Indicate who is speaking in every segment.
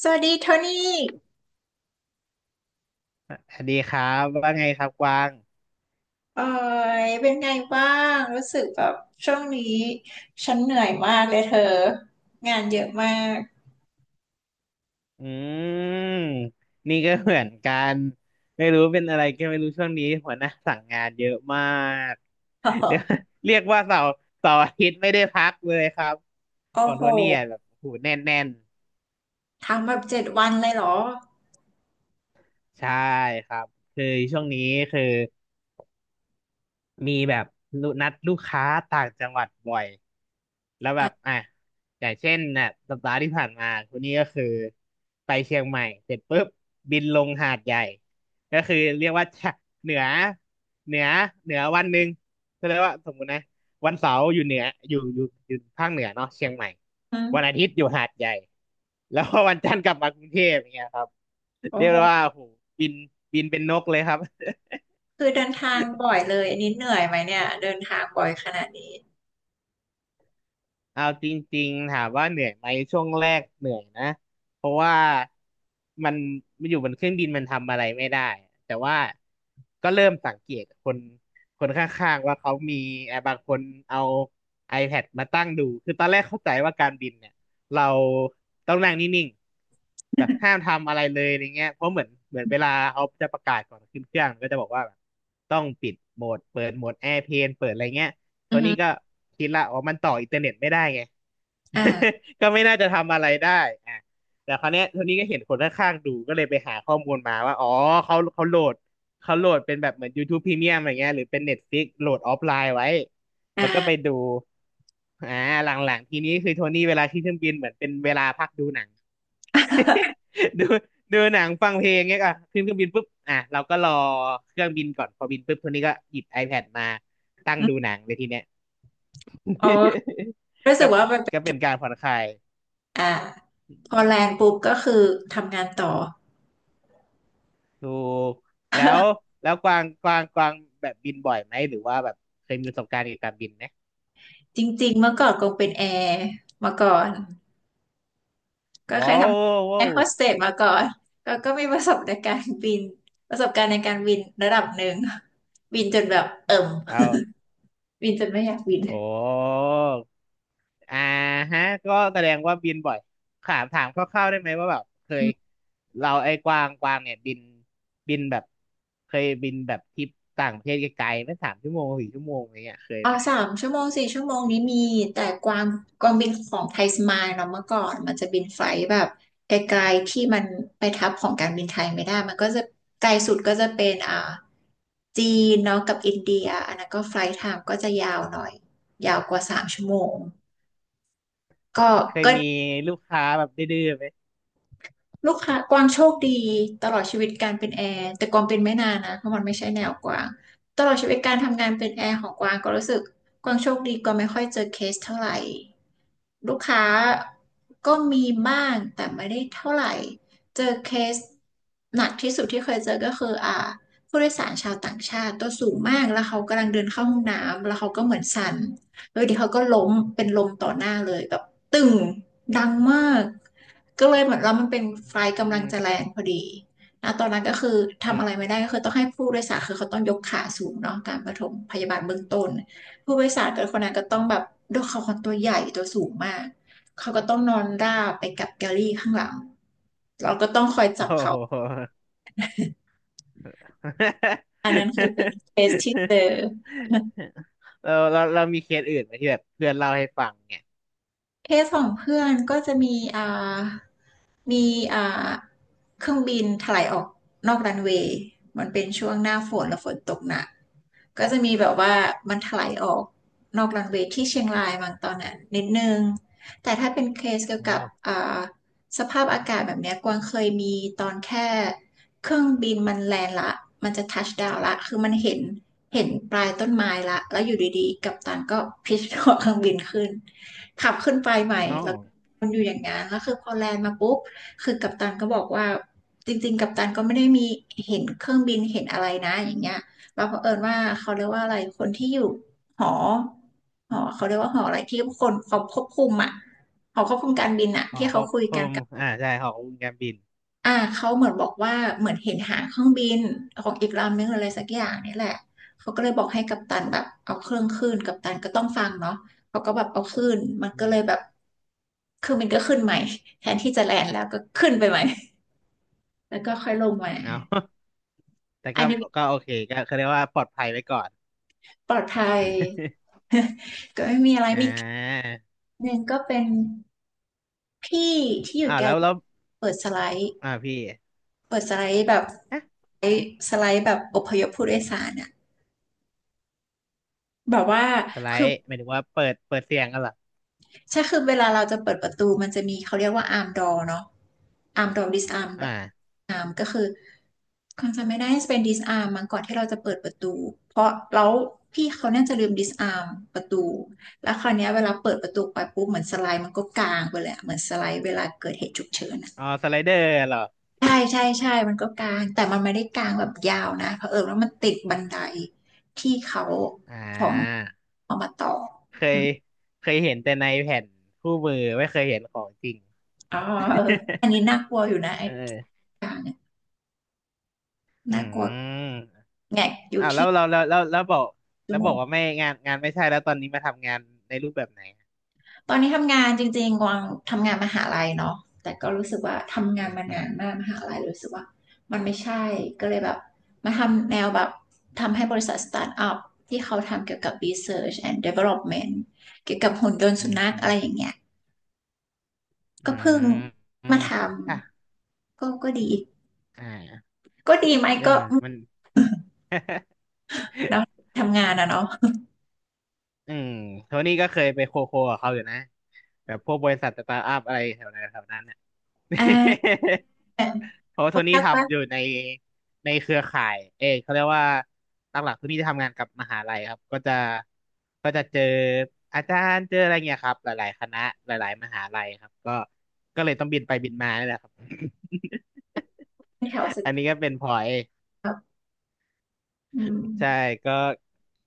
Speaker 1: สวัสดีโทนี่
Speaker 2: อ่ะสวัสดีครับว่าไงครับกวาง
Speaker 1: เอ่ยเป็นไงบ้างรู้สึกแบบช่วงนี้ฉันเหนื่อยมากเลยเธองานเยอะมาก
Speaker 2: อืมนี่ก็เหมือนกันไม่รู้เป็นอะไรก็ไม่รู้ช่วงนี้หัวหน้าสั่งงานเยอะมาก เรียกเรียกว่าเสาร์อาทิตย์ไม่ได้พักเลยครับ
Speaker 1: โอ้
Speaker 2: ของ
Speaker 1: โห
Speaker 2: โทนี่อ่ะแบบโอ้โหูแน่น
Speaker 1: ทำแบบเจ็ดวันเลยเหรอ
Speaker 2: ใช่ครับคือช่วงนี้คือ มีแบบนัดลูกค้าต่างจังหวัดบ่อยแล้วแบบอ่ะอย่างเช่นน่ะสัปดาห์ที่ผ่านมาคนนี้ก็คือไปเชียงใหม่เสร็จปุ๊บบินลงหาดใหญ่ก็คือเรียกว่าจะเหนือเหนือเหนือวันหนึ่งก็เรียกว่าสมมุตินะวันเสาร์อยู่เหนืออยู่ภาคเหนือเนาะเชียงใหม่
Speaker 1: อื
Speaker 2: วันอา
Speaker 1: ม
Speaker 2: ทิตย์อยู่หาดใหญ่แล้วพอวันจันทร์กลับมากรุงเทพอย่างเงี้ยครับ
Speaker 1: โอ้
Speaker 2: เรียก
Speaker 1: โห
Speaker 2: ได้ว่าโหบินเป็นนกเลยครับ
Speaker 1: คือเดินทางบ่อยเลยอันนี้เหนื่อยไหมเนี่ยเดินทางบ่อยขนาดนี้
Speaker 2: เอาจริงๆถามว่าเหนื่อยไหมช่วงแรกเหนื่อยนะเพราะว่ามันมันอยู่บนเครื่องบินมันทำอะไรไม่ได้แต่ว่าก็เริ่มสังเกตคนข้างๆว่าเขามีบางคนเอา iPad มาตั้งดูคือตอนแรกเข้าใจว่าการบินเนี่ยเราต้องนั่งนิ่งๆแบบห้ามทำอะไรเลยอะไรเงี้ยเพราะเหมือนเวลาเขาจะประกาศก่อนขึ้นเครื่องก็จะบอกว่าแบบต้องปิดโหมดเปิดโหมดแอร์เพลนเปิดอะไรเงี้ย โท
Speaker 1: อื
Speaker 2: นี่ก็
Speaker 1: ม
Speaker 2: คิดละอ๋อมันต่ออินเทอร์เน็ตไม่ได้ไง
Speaker 1: อ่า
Speaker 2: ก็ไม่น่าจะทำอะไรได้อ่ะแต่คราวเนี้ยโทนี่ก็เห็นคนข้างๆดูก็เลยไปหาข้อมูลมาว่า อ๋อเขาโหลดเขาโหลดเป็นแบบเหมือน YouTube Premium อะไรเงี้ยหรือเป็น Netflix โหลดออฟไลน์ไว้ แล้วก็ไป
Speaker 1: อ่า
Speaker 2: ดูอ่าหลังๆทีนี้คือโทนี่เวลาที่เครื่องบินเหมือนเป็นเวลาพักดูหนัง ดูหนังฟังเพลงเงี้ยอ่ะขึ้นเครื่องบินปุ๊บอ่ะเราก็รอเครื่องบินก่อนพอบินปุ๊บโทนี่ก็หยิบ iPad มาตั้งดูหนังเลยทีเนี้ย
Speaker 1: ออ รู้
Speaker 2: ก็
Speaker 1: สึกว่ามันเป็
Speaker 2: ก็เป็
Speaker 1: น
Speaker 2: นการผ่อนคลาย
Speaker 1: อ่าพอแลนด์ปุ๊บก็คือทำงานต่อ
Speaker 2: ถูกแล้ว แล้วกวางกวางแบบบินบ่อยไหมหรือว่าแบบเคยมีประสบการณ์เกี่ยวกับการบินไหม
Speaker 1: จริงๆเมื่อก่อนคงเป็นแอร์มาก่อน ก็เค
Speaker 2: ว้า
Speaker 1: ยท
Speaker 2: ว
Speaker 1: ำแอ
Speaker 2: ว้าว
Speaker 1: ร์โฮสเตสมาก่อนก็มีประสบในการบินประสบการณ์ในการบินระดับหนึ่งบินจนแบบเอิ่ม
Speaker 2: เอา
Speaker 1: บินจนไม่อยากบิน
Speaker 2: โอ้อ่าฮะก็แสดงว่าบินบ่อยถามคร่าวๆได้ไหมว่าแบบเค
Speaker 1: อื
Speaker 2: ย
Speaker 1: ม
Speaker 2: เราไอ้กวางเนี่ยบินแบบเคยบินแบบทริปต่างประเทศไกลๆไหม่สามชั่วโมงสี่ชั่วโมงอะไรเงี้ยเคย
Speaker 1: อ๋อ
Speaker 2: ไหม
Speaker 1: สามชั่วโมงสี่ชั่วโมงนี้มีแต่กวางบินของไทยสมายเนาะเมื่อก่อนมันจะบินไฟลท์แบบไกลๆที่มันไปทับของการบินไทยไม่ได้มันก็จะไกลสุดก็จะเป็นอ่าจีนเนาะกับอินเดียอันนั้นก็ไฟลท์ไทม์ก็จะยาวหน่อยยาวกว่าสามชั่วโมงก็
Speaker 2: เคย
Speaker 1: ก็
Speaker 2: มีลูกค้าแบบดื้อๆไหม
Speaker 1: ลูกค้ากวางโชคดีตลอดชีวิตการเป็นแอร์แต่กวางเป็นไม่นานนะเพราะมันไม่ใช่แนวกวางตลอดชีวิตการทำงานเป็นแอร์ของกวางก็รู้สึกกวางโชคดีกวางไม่ค่อยเจอเคสเท่าไหร่ลูกค้าก็มีบ้างแต่ไม่ได้เท่าไหร่เจอเคสหนักที่สุดที่เคยเจอก็คืออ่าผู้โดยสารชาวต่างชาติตัวสูงมากแล้วเขากำลังเดินเข้าห้องน้ำแล้วเขาก็เหมือนสั่น เออเดี๋ยวเขาก็ล้มเป็นลมต่อหน้าเลยแบบตึงดังมากก็เลยเหมือนเรามันเป็นไฟล์
Speaker 2: อื
Speaker 1: กำลัง
Speaker 2: ม
Speaker 1: จะแรงพอดีนะตอนนั้นก็คือ
Speaker 2: อื
Speaker 1: ทำ
Speaker 2: ม
Speaker 1: อะไรไม่ได้ก็คือต้องให้ผู้โดยสารคือเขาต้องยกขาสูงเนาะการปฐมพยาบาลเบื้องต้นผู้โดยสารกับคนนั้นก็ต้อ
Speaker 2: อื
Speaker 1: ง
Speaker 2: ม
Speaker 1: แบบด้วยเขาคนตัวใหญ่ตัวสูงมากเขาก็ต้องนอนราบไปกับแกลลี่ข้างหลังเราก็ต้องคอย จับ
Speaker 2: โอ้
Speaker 1: เขา
Speaker 2: โห
Speaker 1: คือเป็นเคสที่เจอ
Speaker 2: เรามีเคสอื่นไหมที่แบบเพื่อนเล่าให้ฟังเนี่ย
Speaker 1: เคสของเพื่อนก็จะมีอ่า มีอ่าเครื่องบินถลายออกนอกรันเวย์มันเป็นช่วงหน้าฝนแล้วฝนตกหนักก็จะมีแบบว่ามันถลายออกนอกรันเวย์ที่เชียงรายบางตอนนั้นนิดนึงแต่ถ้าเป็นเคสเกี่ย
Speaker 2: อ๋
Speaker 1: ว
Speaker 2: อ
Speaker 1: กับอ่าสภาพอากาศแบบเนี้ยกวางเคยมีตอนแค่เครื่องบินมันแลนด์ละมันจะทัชดาวน์ละคือมันเห็นปลายต้นไม้ละแล้วอยู่ดีๆกัปตันก็พิชหัวเครื่องบินขึ้นขับขึ้นไปใหม่
Speaker 2: เอ้า
Speaker 1: แล้วก็มันอยู่อย่างนั้นแล้วคือพอแลนด์มาปุ๊บ คือกัปตันก็บอกว่าจริงๆกัปตันก็ไม่ได้มีเห็นเครื่องบินเห็นอะไรนะอย่างเงี้ยเราเผอิญว่าเขาเรียกว่าอะไรคนที่อยู่หอเขาเรียกว่าหออะไรที่คนเขาควบคุมอ่ะหอควบคุมการบินอ่ะ
Speaker 2: หอ
Speaker 1: ที่
Speaker 2: ค
Speaker 1: เขา
Speaker 2: ก
Speaker 1: คุย
Speaker 2: ค
Speaker 1: กัน
Speaker 2: ม
Speaker 1: กับ
Speaker 2: อ่าใช่หอคกคุมการบิน
Speaker 1: อ่าเขาเหมือนบอกว่าเหมือนเห็นหางเครื่องบินของอีกลำนึงอะไรสักอย่างนี่แหละเขาก็เลยบอกให้กัปตันแบบเอาเครื่องขึ้นกัปตันก็ต้องฟังเนาะเขาก็แบบเอาขึ้นมัน
Speaker 2: อื
Speaker 1: ก็เล
Speaker 2: ม
Speaker 1: ยแบบเครืองบินก็ขึ้นใหม่แทนที่จะแลนด์แล้วก็ขึ้นไปใหม่ แล้วก็ค่อยลงมา
Speaker 2: เอา แต่
Speaker 1: อั
Speaker 2: ก็
Speaker 1: นนี้
Speaker 2: โอเคก็เขาเรียกว่าปลอดภัยไว้ก่อน
Speaker 1: ปลอดภัย ก็ไม่มีอะไร
Speaker 2: อ่
Speaker 1: มีคลิป
Speaker 2: า
Speaker 1: หนึ่งก็เป็นพี่ที่อยู่
Speaker 2: อ่า
Speaker 1: แก
Speaker 2: แล้
Speaker 1: ล
Speaker 2: วแล้ว
Speaker 1: เปิดสไลด์
Speaker 2: อ่าพี่
Speaker 1: เปิดสไลด์แบบสไ
Speaker 2: ฮะ
Speaker 1: ลด์แบบอพยพผู้โดยสารอะแบบว่า
Speaker 2: สไล
Speaker 1: คือ
Speaker 2: ด์หมายถึงว่าเปิดเสียงกันเหรอ
Speaker 1: ใช่คือเวลาเราจะเปิดประตูมันจะมีเขาเรียกว่าอาร์มดอเนาะอาร์มดอดิสอาร์ม
Speaker 2: อ่า
Speaker 1: อาร์มก็คือความจำไม่ได้เป็นดิสอาร์มมันก่อนที่เราจะเปิดประตูเพราะแล้วพี่เขาน่าจะลืมดิสอาร์มประตูแล้วคราวเนี้ยเวลาเปิดประตูไปปุ๊บเหมือนสไลด์มันก็กลางไปเลยอะเหมือนสไลด์เวลาเกิดเหตุฉุกเฉินอะ
Speaker 2: อ๋อสไลเดอร์เหรอ
Speaker 1: ใช่ใช่ใช่มันก็กลางแต่มันไม่ได้กลางแบบยาวนะเผอิญว่ามันติดบันไดที่เขา
Speaker 2: อ่
Speaker 1: ของ
Speaker 2: า
Speaker 1: เอามาต่อ
Speaker 2: เค
Speaker 1: อ
Speaker 2: ย
Speaker 1: ม
Speaker 2: เห็นแต่ในแผ่นคู่มือไม่เคยเห็นของจริง
Speaker 1: อ๋อเอออัน นี้น่ากลัวอยู่นะ
Speaker 2: เออ
Speaker 1: อย่างเนี่ย
Speaker 2: อื
Speaker 1: น่ากลัว
Speaker 2: ม
Speaker 1: แงกอยู่
Speaker 2: อ้าวแล้
Speaker 1: ที่
Speaker 2: วเราแล้ว
Speaker 1: ชั่
Speaker 2: แล้
Speaker 1: ว
Speaker 2: ว
Speaker 1: โม
Speaker 2: บอ
Speaker 1: ง
Speaker 2: กว่าไม่งานไม่ใช่แล้วตอนนี้มาทำงานในรูปแบบไหน
Speaker 1: ตอนนี้ทำงานจริงๆกวางทำงานมหาลัยเนาะแต่ก็รู้สึกว่าทำงาน
Speaker 2: อืม
Speaker 1: มา
Speaker 2: อืม
Speaker 1: นานมากมหาลัยรู้สึกว่ามันไม่ใช่ก็เลยแบบมาทำแนวแบบทำให้บริษัทสตาร์ทอัพที่เขาทำเกี่ยวกับ Research and Development เกี่ยวกับหุ่นยนต์
Speaker 2: อื
Speaker 1: สุ
Speaker 2: ม
Speaker 1: นั
Speaker 2: อื
Speaker 1: ข
Speaker 2: ม
Speaker 1: อะไรอย่างเงี้ย
Speaker 2: อื
Speaker 1: ก็เพิ่ง
Speaker 2: มอื
Speaker 1: มา
Speaker 2: ม
Speaker 1: ท
Speaker 2: ค่ะ
Speaker 1: ำก็ดี
Speaker 2: อ่า
Speaker 1: ก็ดีไหม
Speaker 2: เนี่ย
Speaker 1: ก็
Speaker 2: มัน
Speaker 1: อืม
Speaker 2: มัน
Speaker 1: เนาะทำงาน อะเนาะ
Speaker 2: อืมโทนี่ก็เคยไปโคโคกับเขาอยู่นะแบบพวกบริษัทสตาร์ทอัพอะไรแถวนั้นน่
Speaker 1: อ่า
Speaker 2: ะ เพราะว่า
Speaker 1: โปร
Speaker 2: โทนี่
Speaker 1: ดักต์ปะ
Speaker 2: ทำอยู่ในเครือข่ายเออเขาเรียกว่าหลักๆโทนี่จะทำงานกับมหาลัยครับก็จะก็จะเจออาจารย์เจออะไรเงี้ยครับหลายๆคณะหลายๆมหาลัยครับก็เลยต้องบินไปบินมานี่แหละครับ
Speaker 1: แถวสุ ด
Speaker 2: อันนี้ก็เป็นพลอย
Speaker 1: ครับอื
Speaker 2: ใช่
Speaker 1: ม
Speaker 2: ก็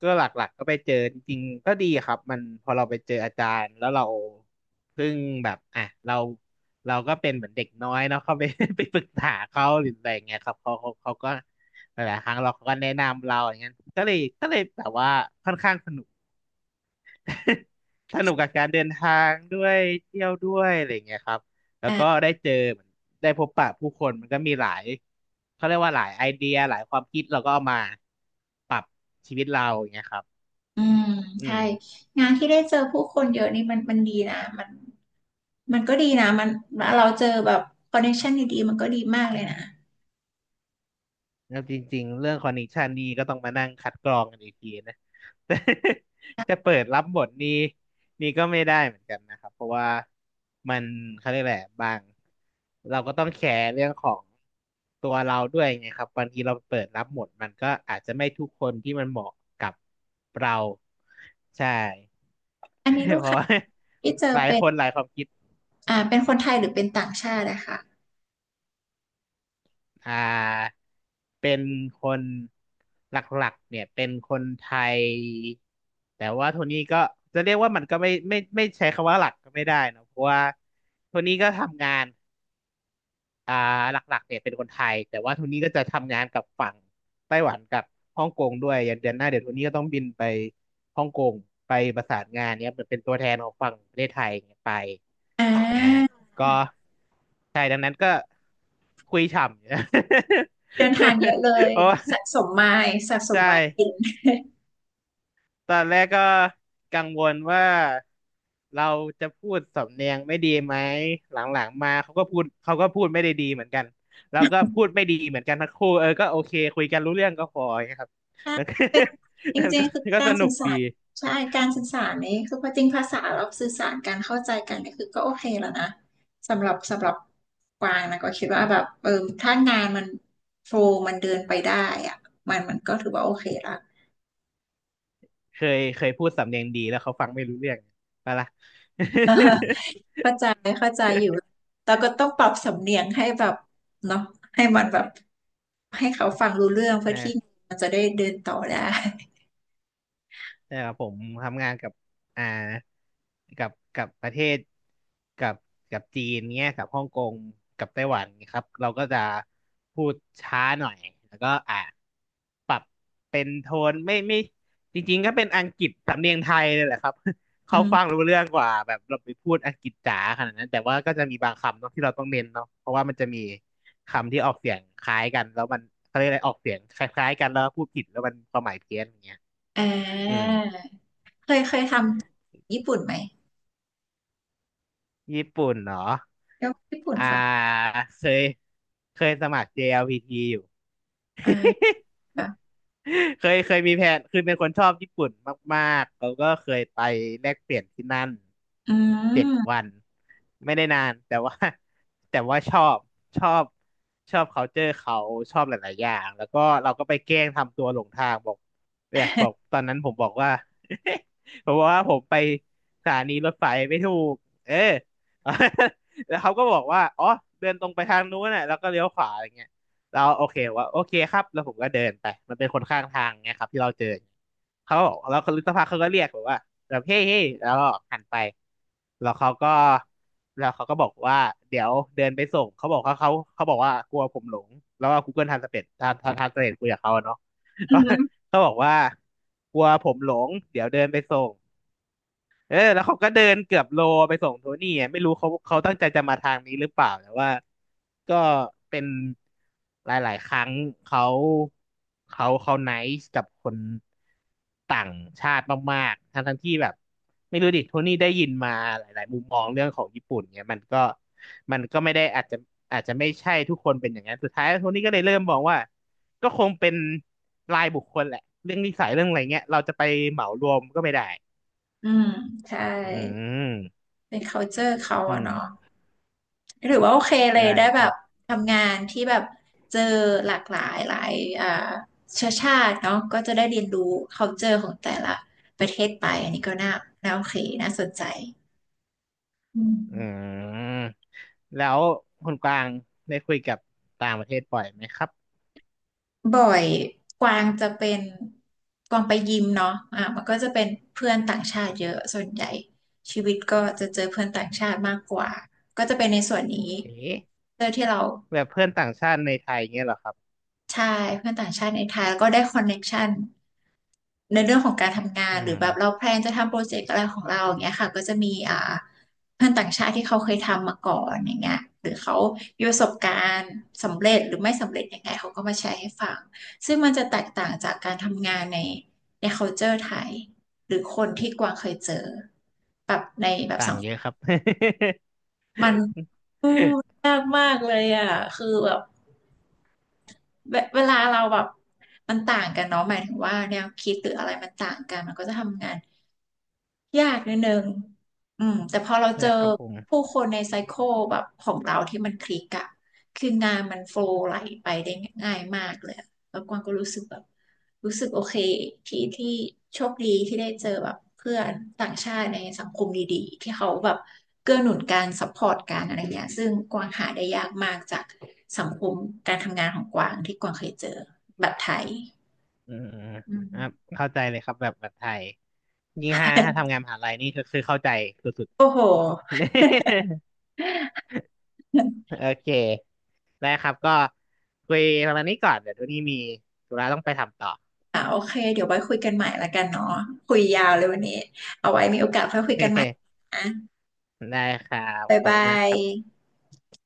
Speaker 2: ก็หลักๆก็ไปเจอจริงๆก็ดีครับมันพอเราไปเจออาจารย์แล้วเราเพิ่งแบบอ่ะเราเราก็เป็นเหมือนเด็กน้อยเนาะเข้าไป ไปปรึกษาเขาหรืออะไรอย่างเงี้ยครับเขาก็หลายๆครั้งเราเขาก็แนะนำเราอย่างเงี้ยก็เลยแบบว่าค่อนข้างสนุก สนุกกับการเดินทางด้วยเที่ยวด้วยอะไรอย่างเงี้ยครับ แล้วก็ได้เจอเหมือนได้พบปะผู้คนมันก็มีหลายเขาเรียกว่าหลายไอเดียหลายความคิดเราก็เอามาปรับชีวิตเราอย่างเงี้ยครับ
Speaker 1: อืม
Speaker 2: อื
Speaker 1: ใช่
Speaker 2: ม
Speaker 1: งานที่ได้เจอผู้คนเยอะนี่มันดีนะมันก็ดีนะมันเราเจอแบบคอนเนคชั่นดีๆมันก็ดีมากเลยนะ
Speaker 2: แล้วจริงๆเรื่องคอนเนคชันนี่ก็ต้องมานั่งคัดกรองกันอีกทีนะ แต่จะเปิดรับบทนี่นี่ก็ไม่ได้เหมือนกันนะครับเพราะว่ามันเขาเรียกแหละไรบางเราก็ต้องแคร์เรื่องของตัวเราด้วยไงครับบางทีเราเปิดรับบทมันก็อาจจะไม่ทุกคนที่มันเหมาะกับเราใช่
Speaker 1: อันนี้ ลูก
Speaker 2: เพราะ
Speaker 1: ค้า
Speaker 2: ว่า
Speaker 1: ที่เจ อ
Speaker 2: หลาย
Speaker 1: เป็
Speaker 2: ค
Speaker 1: น
Speaker 2: นหลายความคิด
Speaker 1: เป็นคนไทยหรือเป็นต่างชาตินะคะ
Speaker 2: อ่าเป็นคนหลักๆเนี่ยเป็นคนไทยแต่ว่าโทนี่ก็จะเรียกว่ามันก็ไม่ไม่ใช้คำว่าหลักก็ไม่ได้เนอะเพราะว่าโทนี่ก็ทำงานอ่าหลักๆเนี่ยเป็นคนไทยแต่ว่าโทนี่ก็จะทำงานกับฝั่งไต้หวันกับฮ่องกงด้วยอย่างเดือนหน้าเดี๋ยวโทนี่ก็ต้องบินไปฮ่องกงไปประสานงานเนี่ยเหมือนเป็นตัวแทนของฝั่งประเทศไทยเนี่ยไป
Speaker 1: อ่า
Speaker 2: ก็ใช่ดังนั้นก็คุยฉ่ำอยู่
Speaker 1: เดินทางเยอะเลย
Speaker 2: โอ้
Speaker 1: สะสมไมล์สะ สม
Speaker 2: ใช่
Speaker 1: ไมล์กิน
Speaker 2: ตอนแรกก็กังวลว่าเราจะพูดสำเนียงไม่ดีไหมหลังๆมาเขาก็พูดเขาก็พูดไม่ได้ดีเหมือนกันแล้วก็พูดไม่ดีเหมือนกันทั้งคู่เออก็โอเคคุยกันรู้เรื่องก็พออย่างเงี้ยครับ
Speaker 1: ใช่
Speaker 2: มันก็
Speaker 1: เป็นจ
Speaker 2: มัน
Speaker 1: ริ
Speaker 2: ก็
Speaker 1: งๆคือกา
Speaker 2: ส
Speaker 1: ร
Speaker 2: นุ
Speaker 1: สื่
Speaker 2: ก
Speaker 1: อสา
Speaker 2: ดี
Speaker 1: รใช่การสื่อสารนี้คือพอจริงภาษาเราสื่อสารการเข้าใจกันนี่คือก็โอเคแล้วนะสำหรับกวางนะก็คิดว่าแบบเออถ้างานมันโฟลมันเดินไปได้อะมันก็ถือว่าโอเคละ
Speaker 2: เคยเคยพูดสำเนียงดีแล้วเขาฟังไม่รู้เรื่องไปะละ
Speaker 1: เข้าใจเข้าใจอยู่แต่ก็ต้องปรับสำเนียงให้แบบเนาะให้มันแบบให้เขาฟังรู้เรื่องเพื่
Speaker 2: เอ
Speaker 1: อ
Speaker 2: อ
Speaker 1: ที่มันจะได้เดินต่อได้
Speaker 2: ใช่ครับผมทำงานกับอ่ากับประเทศกับจีนเนี้ยกับฮ่องกงกับไต้หวันครับเราก็จะพูดช้าหน่อยแล้วก็ปรับเป็นโทนไม่ไม่จริงๆก็เป็นอังกฤษสำเนียงไทยเลยแหละครับ
Speaker 1: อื
Speaker 2: เขาฟัง
Speaker 1: ม
Speaker 2: รู้เรื่องกว่าแบบเราไปพูดอังกฤษจ๋าขนาดนั้นแต่ว่าก็จะมีบางคำเนาะที่เราต้องเน้นเนาะเพราะว่ามันจะมีคำที่ออกเสียงคล้ายกันแล้วมันเขาเรียกอะไรออกเสียงคล้ายๆกันแล้วพูดผิดแล้วมันความหมายเพี้ยนอย่างเงี้ย
Speaker 1: อ่
Speaker 2: อืม
Speaker 1: าเคยเคยทำญี่ปุ่นไหม
Speaker 2: ญี่ปุ่นเหรอ
Speaker 1: แล้วญี่ปุ่น
Speaker 2: อ่า
Speaker 1: ฟัง
Speaker 2: เคยเคยสมัคร JLPT อลพีทีอยู่
Speaker 1: อ่า
Speaker 2: เคยเคยมีแผนคือเป็นคนชอบญี่ปุ่นมากๆเราก็เคยไปแลกเปลี่ยนที่นั่น
Speaker 1: อื
Speaker 2: เจ็ดวั
Speaker 1: ม
Speaker 2: นไม่ได้นานแต่ว่า แต่ว่าชอบชอบชอบ culture เขาชอบหลายๆอย่างแล้วก็เราก็ไปแกล้งทำตัวหลงทางบอกเนี่ยบอกตอนนั้นผมบอกว่า ผมบอกว่าผมไปสถานีรถไฟไม่ถูกเออ แล้วเขาก็บอกว่าอ๋อเดินตรงไปทางนู้นน่ะแล้วก็เลี้ยวขวาอะไรเงี้ย เราโอเคว่าโอเคครับแล้วผมก็เดินไปมันเป็นคนข้างทางไงครับที่เราเจอเขาบอกแล้วคนสักพักเขาก็เรียกแบบว่าแบบเฮ้เฮ้แล้วก็หันไปแล้วเขาก็แล้วเขาก็บอกว่าเดี๋ยวเดินไปส่งเขาบอกเขาบอกว่ากลัวผมหลงแล้วก็ Google Translate ทานทานทานสเ็ทคุยกับเขาอะเนาะ
Speaker 1: อืม
Speaker 2: เขาบอกว่ากลัวผมหลงเดี๋ยวเดินไปส่ง เออแล้วเขาก็เดินเกือบโลไปส่งโทนี่อะไม่รู้เขาตั้งใจจะมาทางนี้หรือเปล่าแต่ว่าก็เป็นหลายๆครั้งเขาเขาไนซ์กับคนต่างชาติมากๆทั้งที่แบบไม่รู้ดิโทนี่ได้ยินมาหลายๆมุมมองเรื่องของญี่ปุ่นเนี่ยมันก็มันก็ไม่ได้อาจจะอาจจะไม่ใช่ทุกคนเป็นอย่างนั้นสุดท้ายโทนี่ก็เลยเริ่มมองว่าก็คงเป็นรายบุคคลแหละเรื่องนิสัยเรื่องอะไรเงี้ยเราจะไปเหมารวมก็ไม่ได้
Speaker 1: อืมใช่
Speaker 2: อืม
Speaker 1: เป็น culture เขา
Speaker 2: อื
Speaker 1: อะเนาะ
Speaker 2: ม
Speaker 1: หรือว่าโอเคเลย
Speaker 2: ได้
Speaker 1: ได้แบ
Speaker 2: แต่
Speaker 1: บทำงานที่แบบเจอหลากหลายหลายอ่าเชื้อชาติเนาะก็จะได้เรียนรู้ culture ของแต่ละประเทศไป อันนี้ก็น่าโอเค น่าสนใจอื
Speaker 2: อื
Speaker 1: ม
Speaker 2: มแล้วคุณกวางได้คุยกับต่างประเทศบ่อยไหมครับ
Speaker 1: บ่อยกวางจะเป็นกวางไปยิมเนาะอ่ะมันก็จะเป็นเพื่อนต่างชาติเยอะส่วนใหญ่ชีวิตก็จะเจอเพื่อนต่างชาติมากกว่าก็จะเป็นในส่วนนี้
Speaker 2: เอ๊ะ
Speaker 1: เพื่อที่เรา
Speaker 2: แบบเพื่อนต่างชาติในไทยเงี้ยเหรอครับ
Speaker 1: ใช่เพื่อนต่างชาติในไทยแล้วก็ได้คอนเน็กชัน ในเรื่องของการทำงา
Speaker 2: อื
Speaker 1: นหรือแบบเรา
Speaker 2: ม
Speaker 1: แพลนจะทำโปรเจกต์อะไรของเราอย่างเงี้ยค่ะก็จะมีเพื่อนต่างชาติที่เขาเคยทำมาก่อนอย่างเงี้ยหรือเขามีประสบการณ์สำเร็จหรือไม่สำเร็จยังไงเขาก็มาแชร์ให้ฟังซึ่งมันจะแตกต่างจากการทำงานใน culture ไทยหรือคนที่กวางเคยเจอแบบในแบบ
Speaker 2: ต่า
Speaker 1: สั
Speaker 2: ง
Speaker 1: งค
Speaker 2: เย
Speaker 1: ม
Speaker 2: อะครับ
Speaker 1: มันอืมยากมากเลยอ่ะคือแบบเวลาเราแบบมันต่างกันเนาะหมายถึงว่าแนวคิดหรืออะไรมันต่างกันมันก็จะทำงาน ยากนิดนึงอืมแต่พอเรา
Speaker 2: ใช่
Speaker 1: เจ
Speaker 2: ค
Speaker 1: อ
Speaker 2: รับผม
Speaker 1: ผู้คนในไซเคิลแบบของเราที่มันคลิกอะคืองานมันโฟลว์ไหลไปได้ง่ายมากเลยอะแล้วกวางก็รู้สึกโอเคที่โชคดีที่ได้เจอแบบเพื่อนต่างชาติในสังคมดีๆที่เขาแบบเกื้อหนุนการซัพพอร์ตการอะไรเงี้ยซึ่งกวางหาได้ยากมากจากสังคมการทำงานของกวางที่กวางเคยเจอแบบไทย
Speaker 2: อืม
Speaker 1: อืม
Speaker 2: ครับเข้าใจเลยครับแบบแบบไทยยิ่งถ้าถ้าทำ งานมหาลัยนี่ก็คือเข้าใจสุด
Speaker 1: โอ้โห
Speaker 2: ๆ โอเคได้ครับก็คุยประมาณนี้ก่อนเดี๋ยวตัวนี้มีธุระต้องไปทำต่อ
Speaker 1: อ่ะโอเคเดี๋ยวไว้คุยกันใหม่ละกันเนาะคุยยาวเลยวันนี้ อ่ะ
Speaker 2: ได้ครับ
Speaker 1: บ๊าย
Speaker 2: ขอบ
Speaker 1: บา
Speaker 2: คุณมากค
Speaker 1: ย
Speaker 2: รับ